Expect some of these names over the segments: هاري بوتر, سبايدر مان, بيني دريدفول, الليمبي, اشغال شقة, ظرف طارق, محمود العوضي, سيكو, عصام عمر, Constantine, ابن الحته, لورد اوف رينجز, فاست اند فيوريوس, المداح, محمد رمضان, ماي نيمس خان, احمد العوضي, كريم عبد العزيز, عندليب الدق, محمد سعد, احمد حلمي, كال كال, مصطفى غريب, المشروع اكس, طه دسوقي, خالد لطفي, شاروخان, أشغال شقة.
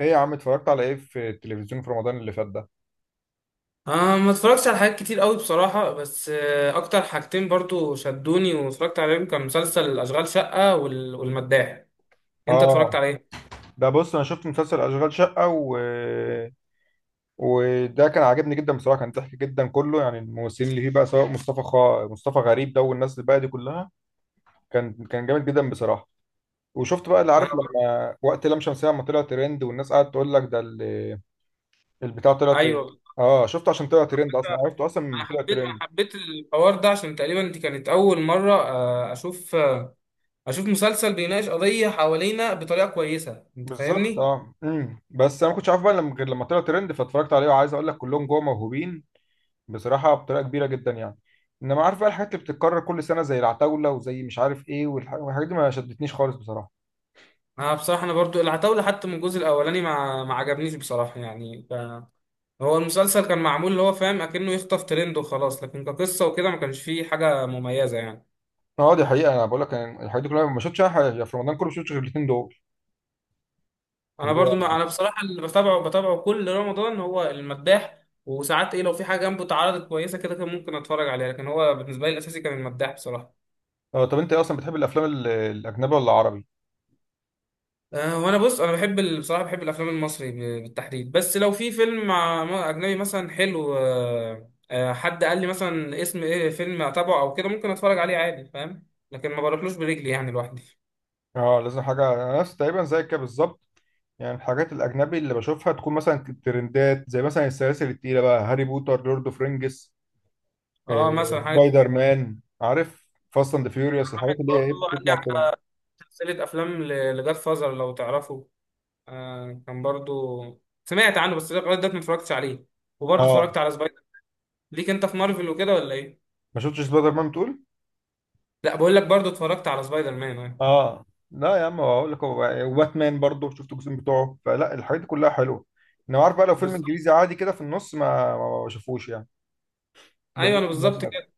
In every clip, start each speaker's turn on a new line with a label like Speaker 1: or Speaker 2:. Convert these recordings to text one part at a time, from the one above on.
Speaker 1: ايه يا عم، اتفرجت على ايه في التلفزيون في رمضان اللي فات ده؟
Speaker 2: ما اتفرجتش على حاجات كتير قوي بصراحة. بس أكتر حاجتين برضو شدوني واتفرجت عليهم. كان مسلسل أشغال شقة والمداح. أنت اتفرجت
Speaker 1: اه،
Speaker 2: على إيه؟
Speaker 1: ده بص انا شفت مسلسل اشغال شقة وده كان عاجبني جدا بصراحة، كان ضحك جدا كله. يعني الممثلين اللي فيه بقى سواء مصطفى غريب ده والناس الباقية دي كلها كان جامد جدا بصراحة. وشفت بقى اللي
Speaker 2: أنا،
Speaker 1: عارف، لما وقت لام شمسية لما طلع ترند والناس قعدت تقول لك البتاع طلع ترند.
Speaker 2: أيوه،
Speaker 1: اه شفته عشان طلع ترند، اصلا عرفته اصلا من
Speaker 2: أنا
Speaker 1: طلع
Speaker 2: حبيت أنا
Speaker 1: ترند.
Speaker 2: حبيت الحوار ده عشان تقريبا دي كانت أول مرة أشوف، أشوف مسلسل بيناقش قضية حوالينا بطريقة كويسة. أنت
Speaker 1: بالظبط.
Speaker 2: فاهمني؟
Speaker 1: اه، بس انا ما كنتش عارف بقى لما، غير لما طلع ترند فاتفرجت عليه. وعايز اقول لك، كلهم جوه موهوبين بصراحة، بطريقة كبيرة جدا يعني. انما عارف بقى الحاجات اللي بتتكرر كل سنة زي العتاولة وزي مش عارف ايه والحاجات دي ما شدتنيش خالص بصراحة.
Speaker 2: أنا بصراحة برضو العتاولة حتى من الجزء الأولاني ما عجبنيش بصراحة يعني. هو المسلسل كان معمول اللي هو فاهم اكنه يخطف ترند وخلاص، لكن كقصه وكده ما كانش فيه حاجه مميزه يعني.
Speaker 1: اه دي حقيقة، انا بقول لك أنا الحاجات دي كلها ما شفتش أي حاجة في رمضان كله، ما شفتش غير الاثنين دول.
Speaker 2: انا
Speaker 1: اللي هو
Speaker 2: برضو، ما انا بصراحه، اللي بتابعه كل رمضان هو المداح. وساعات ايه، لو في حاجه جنبه اتعرضت كويسه كده كان ممكن اتفرج عليها، لكن هو بالنسبه لي الاساسي كان المداح بصراحه.
Speaker 1: اه. طب انت إيه اصلا، بتحب الافلام الاجنبي ولا العربي؟
Speaker 2: أه، وانا بص، انا بحب بصراحه بحب الافلام المصري بالتحديد. بس لو في فيلم مع اجنبي مثلا حلو، أه آه، حد قال لي مثلا اسم ايه فيلم اتابعه او كده، ممكن اتفرج عليه عادي، فاهم؟ لكن ما بروحلوش برجلي يعني لوحدي.
Speaker 1: اه لازم حاجة، انا نفس تقريبا زيك كده بالظبط. يعني الحاجات الاجنبي اللي بشوفها تكون مثلا ترندات، زي مثلا السلاسل التقيلة بقى، هاري بوتر، لورد اوف رينجز، آه،
Speaker 2: اه مثلا حاجه.
Speaker 1: سبايدر مان، عارف، فاست اند فيوريوس، الحاجات
Speaker 2: الواحد
Speaker 1: اللي هي ايه،
Speaker 2: برضو
Speaker 1: بتطلع
Speaker 2: رجع
Speaker 1: ترند.
Speaker 2: سلسلة أفلام لجاد فازر، لو تعرفه. آه، كان برضو سمعت عنه، بس لغاية دلوقتي ما اتفرجتش عليه. وبرضو
Speaker 1: اه
Speaker 2: اتفرجت على سبايدر. ليك أنت في مارفل وكده ولا إيه؟
Speaker 1: ما شفتش سبايدر مان بتقول؟
Speaker 2: لا، بقول لك برضو اتفرجت على سبايدر مان آه.
Speaker 1: اه لا يا عم اقول لك، هو وباتمان برضه شفت الجزء بتوعه، فلا الحاجات دي كلها حلوه. انا عارف بقى لو فيلم
Speaker 2: بالظبط،
Speaker 1: انجليزي عادي كده في النص ما بشوفوش يعني.
Speaker 2: أيوه
Speaker 1: بميل
Speaker 2: أنا بالظبط
Speaker 1: للمصري أكتر.
Speaker 2: كده.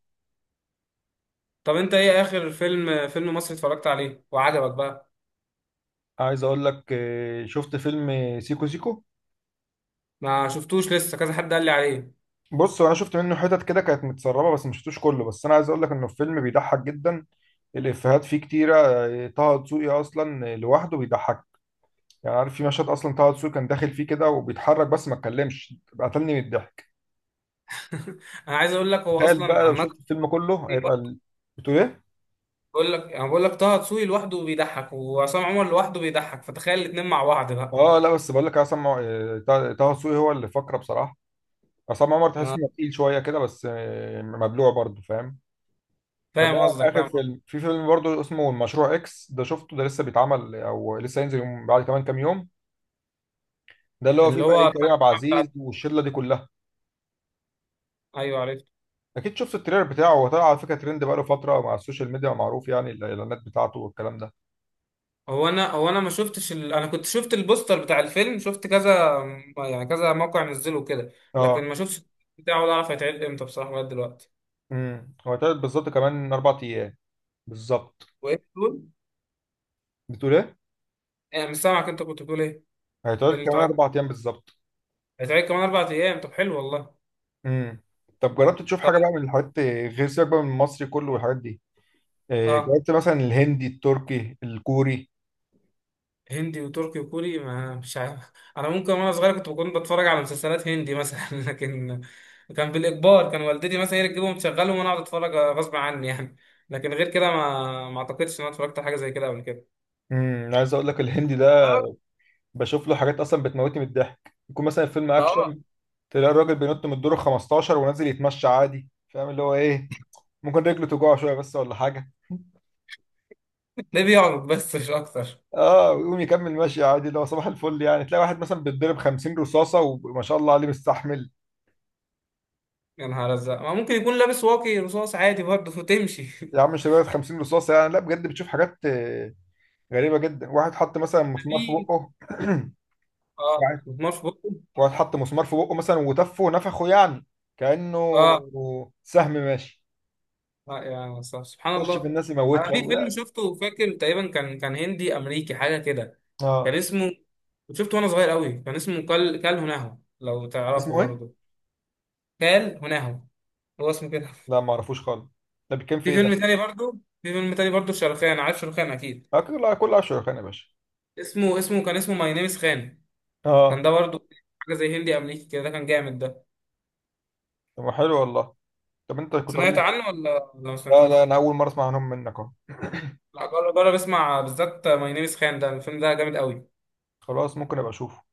Speaker 2: طب أنت إيه آخر فيلم مصري اتفرجت عليه وعجبك بقى؟
Speaker 1: عايز اقول لك شفت فيلم سيكو سيكو.
Speaker 2: ما شفتوش لسه، كذا حد قال لي عليه.
Speaker 1: بص انا شفت منه حتت كده كانت متسربه بس ما شفتوش كله، بس انا عايز اقول لك انه الفيلم بيضحك جدا، الافيهات فيه كتيره. طه دسوقي اصلا لوحده بيضحك. يعني عارف، في مشهد اصلا طه دسوقي كان داخل فيه كده وبيتحرك بس ما اتكلمش، قتلني من الضحك.
Speaker 2: أنا عايز أقول لك هو
Speaker 1: تخيل بقى
Speaker 2: أصلا
Speaker 1: لو
Speaker 2: عمال.
Speaker 1: شفت الفيلم كله، هيبقى بتقول ايه؟
Speaker 2: بقول لك، أنا بقول لك طه دسوقي لوحده بيضحك، وعصام عمر لوحده بيضحك، فتخيل الاتنين مع بعض بقى.
Speaker 1: اه لا بس بقول لك، طه دسوقي هو اللي فقره بصراحه. عصام عمر تحس
Speaker 2: آه،
Speaker 1: انه تقيل شويه كده، بس مبلوع برضه، فاهم؟ فده
Speaker 2: فاهم قصدك،
Speaker 1: اخر
Speaker 2: فاهم.
Speaker 1: فيلم، في فيلم برضه اسمه المشروع اكس ده، شفته ده لسه بيتعمل، او لسه هينزل يوم بعد كمان كام يوم. ده اللي هو فيه
Speaker 2: اللي
Speaker 1: بقى
Speaker 2: هو
Speaker 1: ايه،
Speaker 2: بتاع
Speaker 1: كريم عبد
Speaker 2: الجامعة
Speaker 1: العزيز والشله دي كلها.
Speaker 2: ايوه، عرفت.
Speaker 1: اكيد شفت التريلر بتاعه، هو طلع على فكره ترند بقاله فتره مع السوشيال ميديا، معروف يعني، الاعلانات بتاعته والكلام ده.
Speaker 2: هو انا ما شفتش انا كنت شفت البوستر بتاع الفيلم، شفت كذا يعني كذا موقع نزله كده. لكن
Speaker 1: اه.
Speaker 2: ما شفتش بتاعه، ولا اعرف هيتعرض امتى بصراحة لغاية دلوقتي.
Speaker 1: هو هيتعرض بالظبط كمان اربع ايام، بالظبط.
Speaker 2: وايه بتقول؟
Speaker 1: بتقول ايه؟
Speaker 2: انا مش سامعك، انت كنت بتقول ايه؟ ايه
Speaker 1: هيتعرض
Speaker 2: اللي
Speaker 1: كمان
Speaker 2: تعرض؟
Speaker 1: اربع ايام بالظبط.
Speaker 2: هيتعرض كمان اربع ايام؟ طب حلو والله.
Speaker 1: امم طب جربت تشوف
Speaker 2: طب
Speaker 1: حاجه بقى من
Speaker 2: إيه؟
Speaker 1: الحاجات غير سياق بقى، من المصري كله والحاجات دي،
Speaker 2: اه.
Speaker 1: جربت مثلا الهندي، التركي، الكوري؟
Speaker 2: هندي وتركي وكوري، ما مش عارف. انا ممكن وانا صغير كنت بكون بتفرج على مسلسلات هندي مثلا لكن كان بالاجبار. كان والدتي مثلا هي اللي تجيبهم تشغلهم وانا اقعد اتفرج غصب عني يعني. لكن غير كده ما اعتقدش ان انا اتفرجت على حاجه زي كده قبل كده.
Speaker 1: عايز اقول لك الهندي ده بشوف له حاجات اصلا بتموتني من الضحك. يكون مثلا فيلم
Speaker 2: ما هو
Speaker 1: اكشن، تلاقي الراجل بينط من الدور ال 15 ونازل يتمشى عادي، فاهم اللي هو ايه، ممكن رجله توجعه شويه بس ولا حاجه.
Speaker 2: ده بيعرف بس، مش اكتر.
Speaker 1: اه ويقوم يكمل ماشي عادي، اللي هو صباح الفل يعني. تلاقي واحد مثلا بيتضرب 50 رصاصه وما شاء الله عليه مستحمل.
Speaker 2: يا نهار ازرق، ما ممكن يكون لابس واقي رصاص عادي برضه وتمشي
Speaker 1: يا عم مش لدرجه 50 رصاصه يعني، لا بجد بتشوف حاجات غريبه جدا. واحد حط مثلا مسمار في
Speaker 2: في،
Speaker 1: بقه
Speaker 2: اه،
Speaker 1: واحد
Speaker 2: مش بطل.
Speaker 1: واحد حط مسمار في بقه مثلا، وتفه ونفخه يعني كانه
Speaker 2: اه،
Speaker 1: سهم ماشي،
Speaker 2: لا يا أستاذ، سبحان
Speaker 1: خش في
Speaker 2: الله.
Speaker 1: الناس
Speaker 2: انا
Speaker 1: يموتها
Speaker 2: في فيلم
Speaker 1: ولا.
Speaker 2: شفته فاكر، تقريبا كان هندي امريكي حاجه كده. كان
Speaker 1: اه
Speaker 2: اسمه، شفته وانا صغير قوي. كان اسمه كال هناهو، لو تعرفه
Speaker 1: اسمه ايه؟
Speaker 2: برضه. كال هناهو، هو اسمه كده.
Speaker 1: لا ما اعرفوش خالص، ده بيتكلم في
Speaker 2: في
Speaker 1: ايه
Speaker 2: فيلم
Speaker 1: ده؟
Speaker 2: تاني برضه. في فيلم تاني برضه شاروخان، عارف شاروخان اكيد.
Speaker 1: كل اشهر كان يا باشا.
Speaker 2: اسمه كان ماي نيمس خان.
Speaker 1: اه
Speaker 2: كان ده برضه حاجه زي هندي امريكي كده، ده كان جامد ده.
Speaker 1: طب ما حلو والله. طب انت كنت اقول
Speaker 2: سمعت
Speaker 1: لك،
Speaker 2: عنه ولا ما
Speaker 1: لا لا
Speaker 2: سمعتوش؟
Speaker 1: انا اول مره اسمع عنهم منك اهو.
Speaker 2: لا، جرب اسمع بالذات ماي نيمس خان، ده الفيلم ده جامد قوي.
Speaker 1: خلاص ممكن ابقى اشوفه.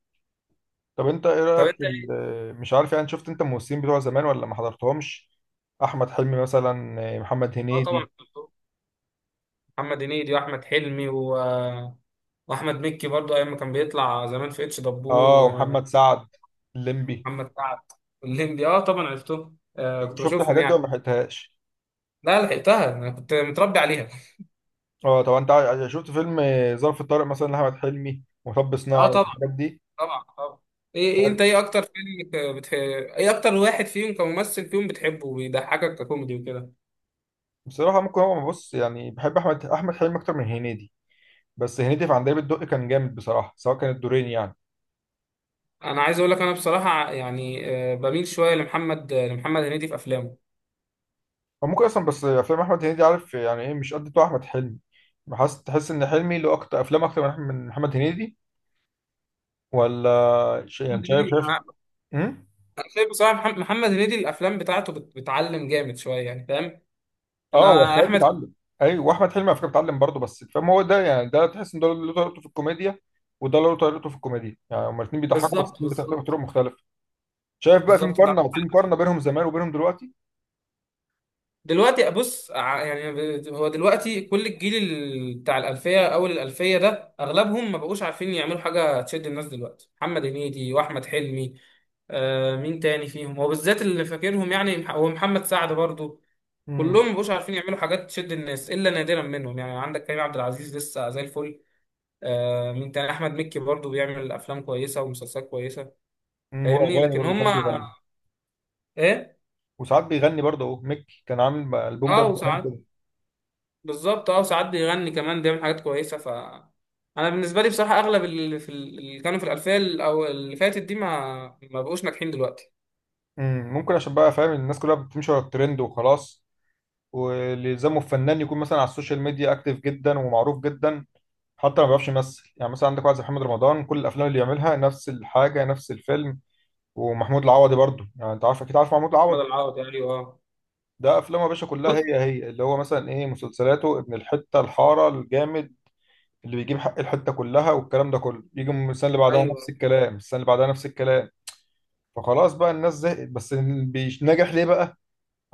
Speaker 1: طب انت ايه
Speaker 2: طب
Speaker 1: رايك في
Speaker 2: انت ايه.
Speaker 1: مش عارف يعني، شفت انت الممثلين بتوع زمان ولا ما حضرتهمش؟ احمد حلمي مثلا، محمد
Speaker 2: اه طبعا.
Speaker 1: هنيدي.
Speaker 2: محمد هنيدي واحمد حلمي واحمد مكي برضو، ايام ما كان بيطلع زمان في اتش دبور.
Speaker 1: اه. ومحمد سعد، الليمبي.
Speaker 2: ومحمد سعد، والليمبي، اه طبعا عرفتهم. آه كنت
Speaker 1: شفت
Speaker 2: بشوفهم
Speaker 1: الحاجات دي ولا
Speaker 2: يعني.
Speaker 1: ما حيتهاش؟
Speaker 2: لا، لحقتها، انا كنت متربي عليها.
Speaker 1: اه طب انت شفت فيلم ظرف طارق مثلا لاحمد حلمي، ومطب
Speaker 2: اه
Speaker 1: صناعي،
Speaker 2: طبعا.
Speaker 1: الحاجات دي؟
Speaker 2: طبعا. إيه انت، ايه اكتر فيلم ايه اكتر واحد فيهم كممثل فيهم بتحبه وبيضحكك ككوميدي وكده؟
Speaker 1: بصراحه ممكن، هو بص، يعني بحب احمد حلمي اكتر من هنيدي، بس هنيدي في عندليب الدق كان جامد بصراحه، سواء كان الدورين يعني.
Speaker 2: انا عايز اقول لك، انا بصراحه يعني، آه، بميل شويه لمحمد هنيدي في افلامه.
Speaker 1: او ممكن اصلا، بس افلام احمد هنيدي، عارف يعني ايه، مش قد بتوع احمد حلمي. بحس، تحس ان حلمي له اكتر افلام اكتر من من محمد هنيدي، ولا يعني
Speaker 2: محمد
Speaker 1: شايف،
Speaker 2: هنيدي،
Speaker 1: شايف.
Speaker 2: أنا
Speaker 1: امم
Speaker 2: أنا شايف بصراحه محمد هنيدي الافلام بتاعته بتعلم جامد شويه يعني، فاهم؟
Speaker 1: اه، هو
Speaker 2: انا
Speaker 1: السعيد
Speaker 2: احمد.
Speaker 1: بيتعلم. ايوه، واحمد حلمي على فكره بيتعلم برضه، بس فاهم هو ده يعني، ده تحس ان ده له طريقته في الكوميديا، وده له طريقته في الكوميديا. يعني هما الاثنين بيضحكوا، بس
Speaker 2: بالظبط،
Speaker 1: الاثنين بيضحكوا بطرق
Speaker 2: بالظبط.
Speaker 1: مختلفه. شايف بقى، في
Speaker 2: بالظبط انت عندك
Speaker 1: مقارنه، في
Speaker 2: حق فيه.
Speaker 1: مقارنه بينهم زمان وبينهم دلوقتي.
Speaker 2: دلوقتي بص، يعني، هو دلوقتي كل الجيل بتاع الالفيه، اول الالفيه ده، اغلبهم ما بقوش عارفين يعملوا حاجه تشد الناس دلوقتي، محمد هنيدي واحمد حلمي. آه، مين تاني فيهم هو بالذات اللي فاكرهم يعني، هو محمد سعد برضو.
Speaker 1: امم
Speaker 2: كلهم ما بقوش عارفين يعملوا حاجات تشد الناس الا نادرا منهم. يعني عندك كريم عبد العزيز لسه زي الفل. آه مين تاني، احمد مكي برضو بيعمل افلام كويسه ومسلسلات كويسه. فاهمني؟
Speaker 1: واغاني
Speaker 2: لكن
Speaker 1: برضه
Speaker 2: هم،
Speaker 1: ساعات بيغني.
Speaker 2: ايه.
Speaker 1: وساعات بيغني برضه اهو، ميكي كان عامل بقى البوم راب
Speaker 2: اه
Speaker 1: زمان
Speaker 2: وساعات.
Speaker 1: كده.
Speaker 2: بالظبط، اه ساعات بيغني كمان، بيعمل حاجات كويسه. ف انا بالنسبه لي بصراحه اغلب اللي في اللي كانوا في الالفيه او اللي فاتت دي ما بقوش ناجحين دلوقتي.
Speaker 1: ممكن عشان بقى، فاهم، الناس كلها بتمشي ورا الترند وخلاص. واللي يلزمه الفنان يكون مثلا على السوشيال ميديا اكتف جدا ومعروف جدا، حتى ما بيعرفش يمثل. يعني مثلا عندك واحد زي محمد رمضان، كل الافلام اللي بيعملها نفس الحاجه، نفس الفيلم. ومحمود العوضي برضه، يعني انت عارف اكيد، عارف محمود
Speaker 2: احمد
Speaker 1: العوضي،
Speaker 2: العوضي، ايوه اه.
Speaker 1: ده افلامه يا باشا كلها
Speaker 2: بص،
Speaker 1: هي هي. اللي هو مثلا ايه، مسلسلاته، ابن الحته، الحاره، الجامد، اللي بيجيب حق الحته، كلها والكلام ده كله. يجي من السنه اللي بعدها
Speaker 2: ايوه،
Speaker 1: نفس الكلام، السنه اللي بعدها نفس الكلام، فخلاص بقى الناس زهقت. بس ناجح ليه بقى؟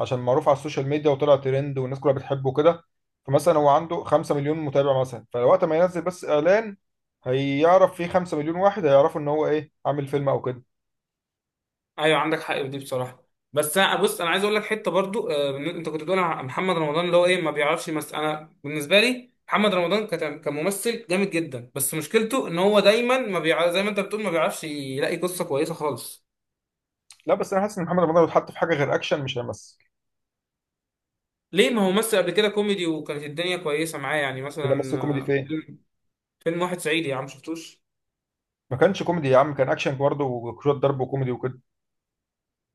Speaker 1: عشان معروف على السوشيال ميديا وطلع ترند والناس كلها بتحبه كده. فمثلا هو عنده 5 مليون متابع مثلا، فوقت ما ينزل بس اعلان، هيعرف فيه 5 مليون واحد، هيعرفوا ان هو ايه، عامل فيلم او كده.
Speaker 2: ايوه عندك حق في دي بصراحه. بس بص انا عايز اقول لك حته برضو، آه، انت كنت بتقول على محمد رمضان اللي هو ايه ما بيعرفش يمثل، انا بالنسبه لي محمد رمضان كممثل جامد جدا، بس مشكلته ان هو دايما ما بيع... زي ما انت بتقول ما بيعرفش يلاقي قصه كويسه خالص.
Speaker 1: لا بس انا حاسس ان محمد رمضان لو اتحط في حاجه غير اكشن، مش هيمثل.
Speaker 2: ليه؟ ما هو مثل قبل كده كوميدي وكانت الدنيا كويسه معاه، يعني
Speaker 1: اذا
Speaker 2: مثلا،
Speaker 1: مثل كوميدي
Speaker 2: آه،
Speaker 1: فين؟
Speaker 2: فيلم فيلم واحد صعيدي يا عم، شفتوش؟
Speaker 1: ما كانش كوميدي يا عم، كان اكشن برضه وشويه ضرب وكوميدي وكده.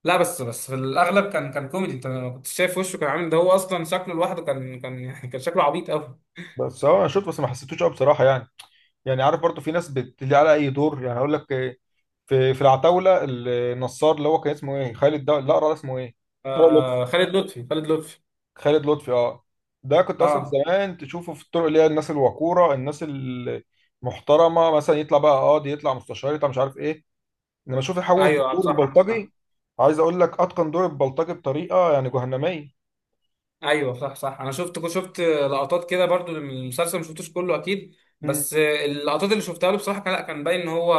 Speaker 2: لا بس، في الاغلب كان كوميدي. انت ما كنتش شايف وشه كان عامل ده، هو اصلا شكله لوحده كان يعني، كان شكله عبيط قوي.
Speaker 1: بس اه انا شفت بس ما حسيتوش قوي بصراحه يعني. يعني عارف برضه في ناس بتلي على اي دور. يعني هقول لك في العتاوله النصار، اللي هو كان اسمه ايه، خالد ده، لا اسمه ايه،
Speaker 2: آه، خالد لطفي،
Speaker 1: خالد لطفي. اه ده كنت
Speaker 2: اه.
Speaker 1: اصلا زمان تشوفه في الطرق اللي هي الناس الوقوره، الناس المحترمه، مثلا يطلع بقى قاضي، يطلع مستشار، يطلع مش عارف ايه. انما اشوف يحول في
Speaker 2: ايوه
Speaker 1: الدور
Speaker 2: صح، عندك حق.
Speaker 1: البلطجي. عايز اقول لك اتقن دور البلطجي بطريقه يعني جهنميه.
Speaker 2: ايوه صح صح، انا شفت لقطات كده برضو من المسلسل، ما شفتوش كله اكيد،
Speaker 1: مم.
Speaker 2: بس آه، اللقطات اللي شفتها له بصراحه كان، لا كان باين ان هو،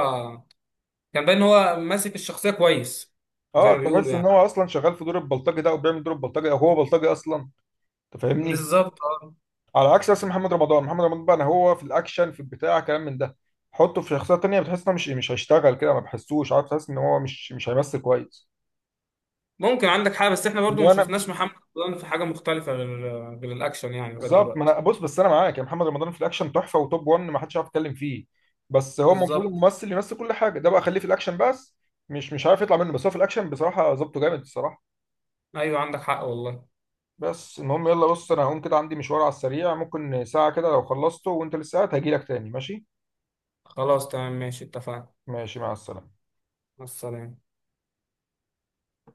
Speaker 2: كان باين ان هو ماسك الشخصيه كويس. زي
Speaker 1: اه
Speaker 2: ما بيقولوا
Speaker 1: تحس ان
Speaker 2: يعني.
Speaker 1: هو اصلا شغال في دور البلطجي ده، او بيعمل دور البلطجي، او هو بلطجي اصلا، انت فاهمني.
Speaker 2: بالظبط اه.
Speaker 1: على عكس اسم محمد رمضان. محمد رمضان بقى أنا، هو في الاكشن في البتاع كلام من ده، حطه في شخصيه تانيه بتحس انه مش هيشتغل كده، ما بحسوش، عارف، تحس ان هو مش هيمثل كويس.
Speaker 2: ممكن عندك حاجه، بس احنا برضو ما
Speaker 1: انما انا
Speaker 2: شفناش محمد رمضان في حاجه مختلفه غير الاكشن يعني لغايه
Speaker 1: بالظبط. ما انا
Speaker 2: دلوقتي.
Speaker 1: بص، بس انا معاك، يا محمد رمضان في الاكشن تحفه وتوب 1 ما حدش عارف يتكلم فيه. بس هو المفروض
Speaker 2: بالظبط.
Speaker 1: الممثل يمثل كل حاجه، ده بقى خليه في الاكشن بس، مش عارف يطلع منه. بس هو في الاكشن بصراحه ظبطه جامد، الصراحه.
Speaker 2: ايوه عندك حق والله.
Speaker 1: بس المهم، يلا بص انا هقوم كده، عندي مشوار على السريع، ممكن ساعه كده، لو خلصته وانت لسه قاعد هجيلك تاني، ماشي؟
Speaker 2: خلاص تمام، ماشي، اتفقنا.
Speaker 1: ماشي، مع السلامه.
Speaker 2: مع السلامه.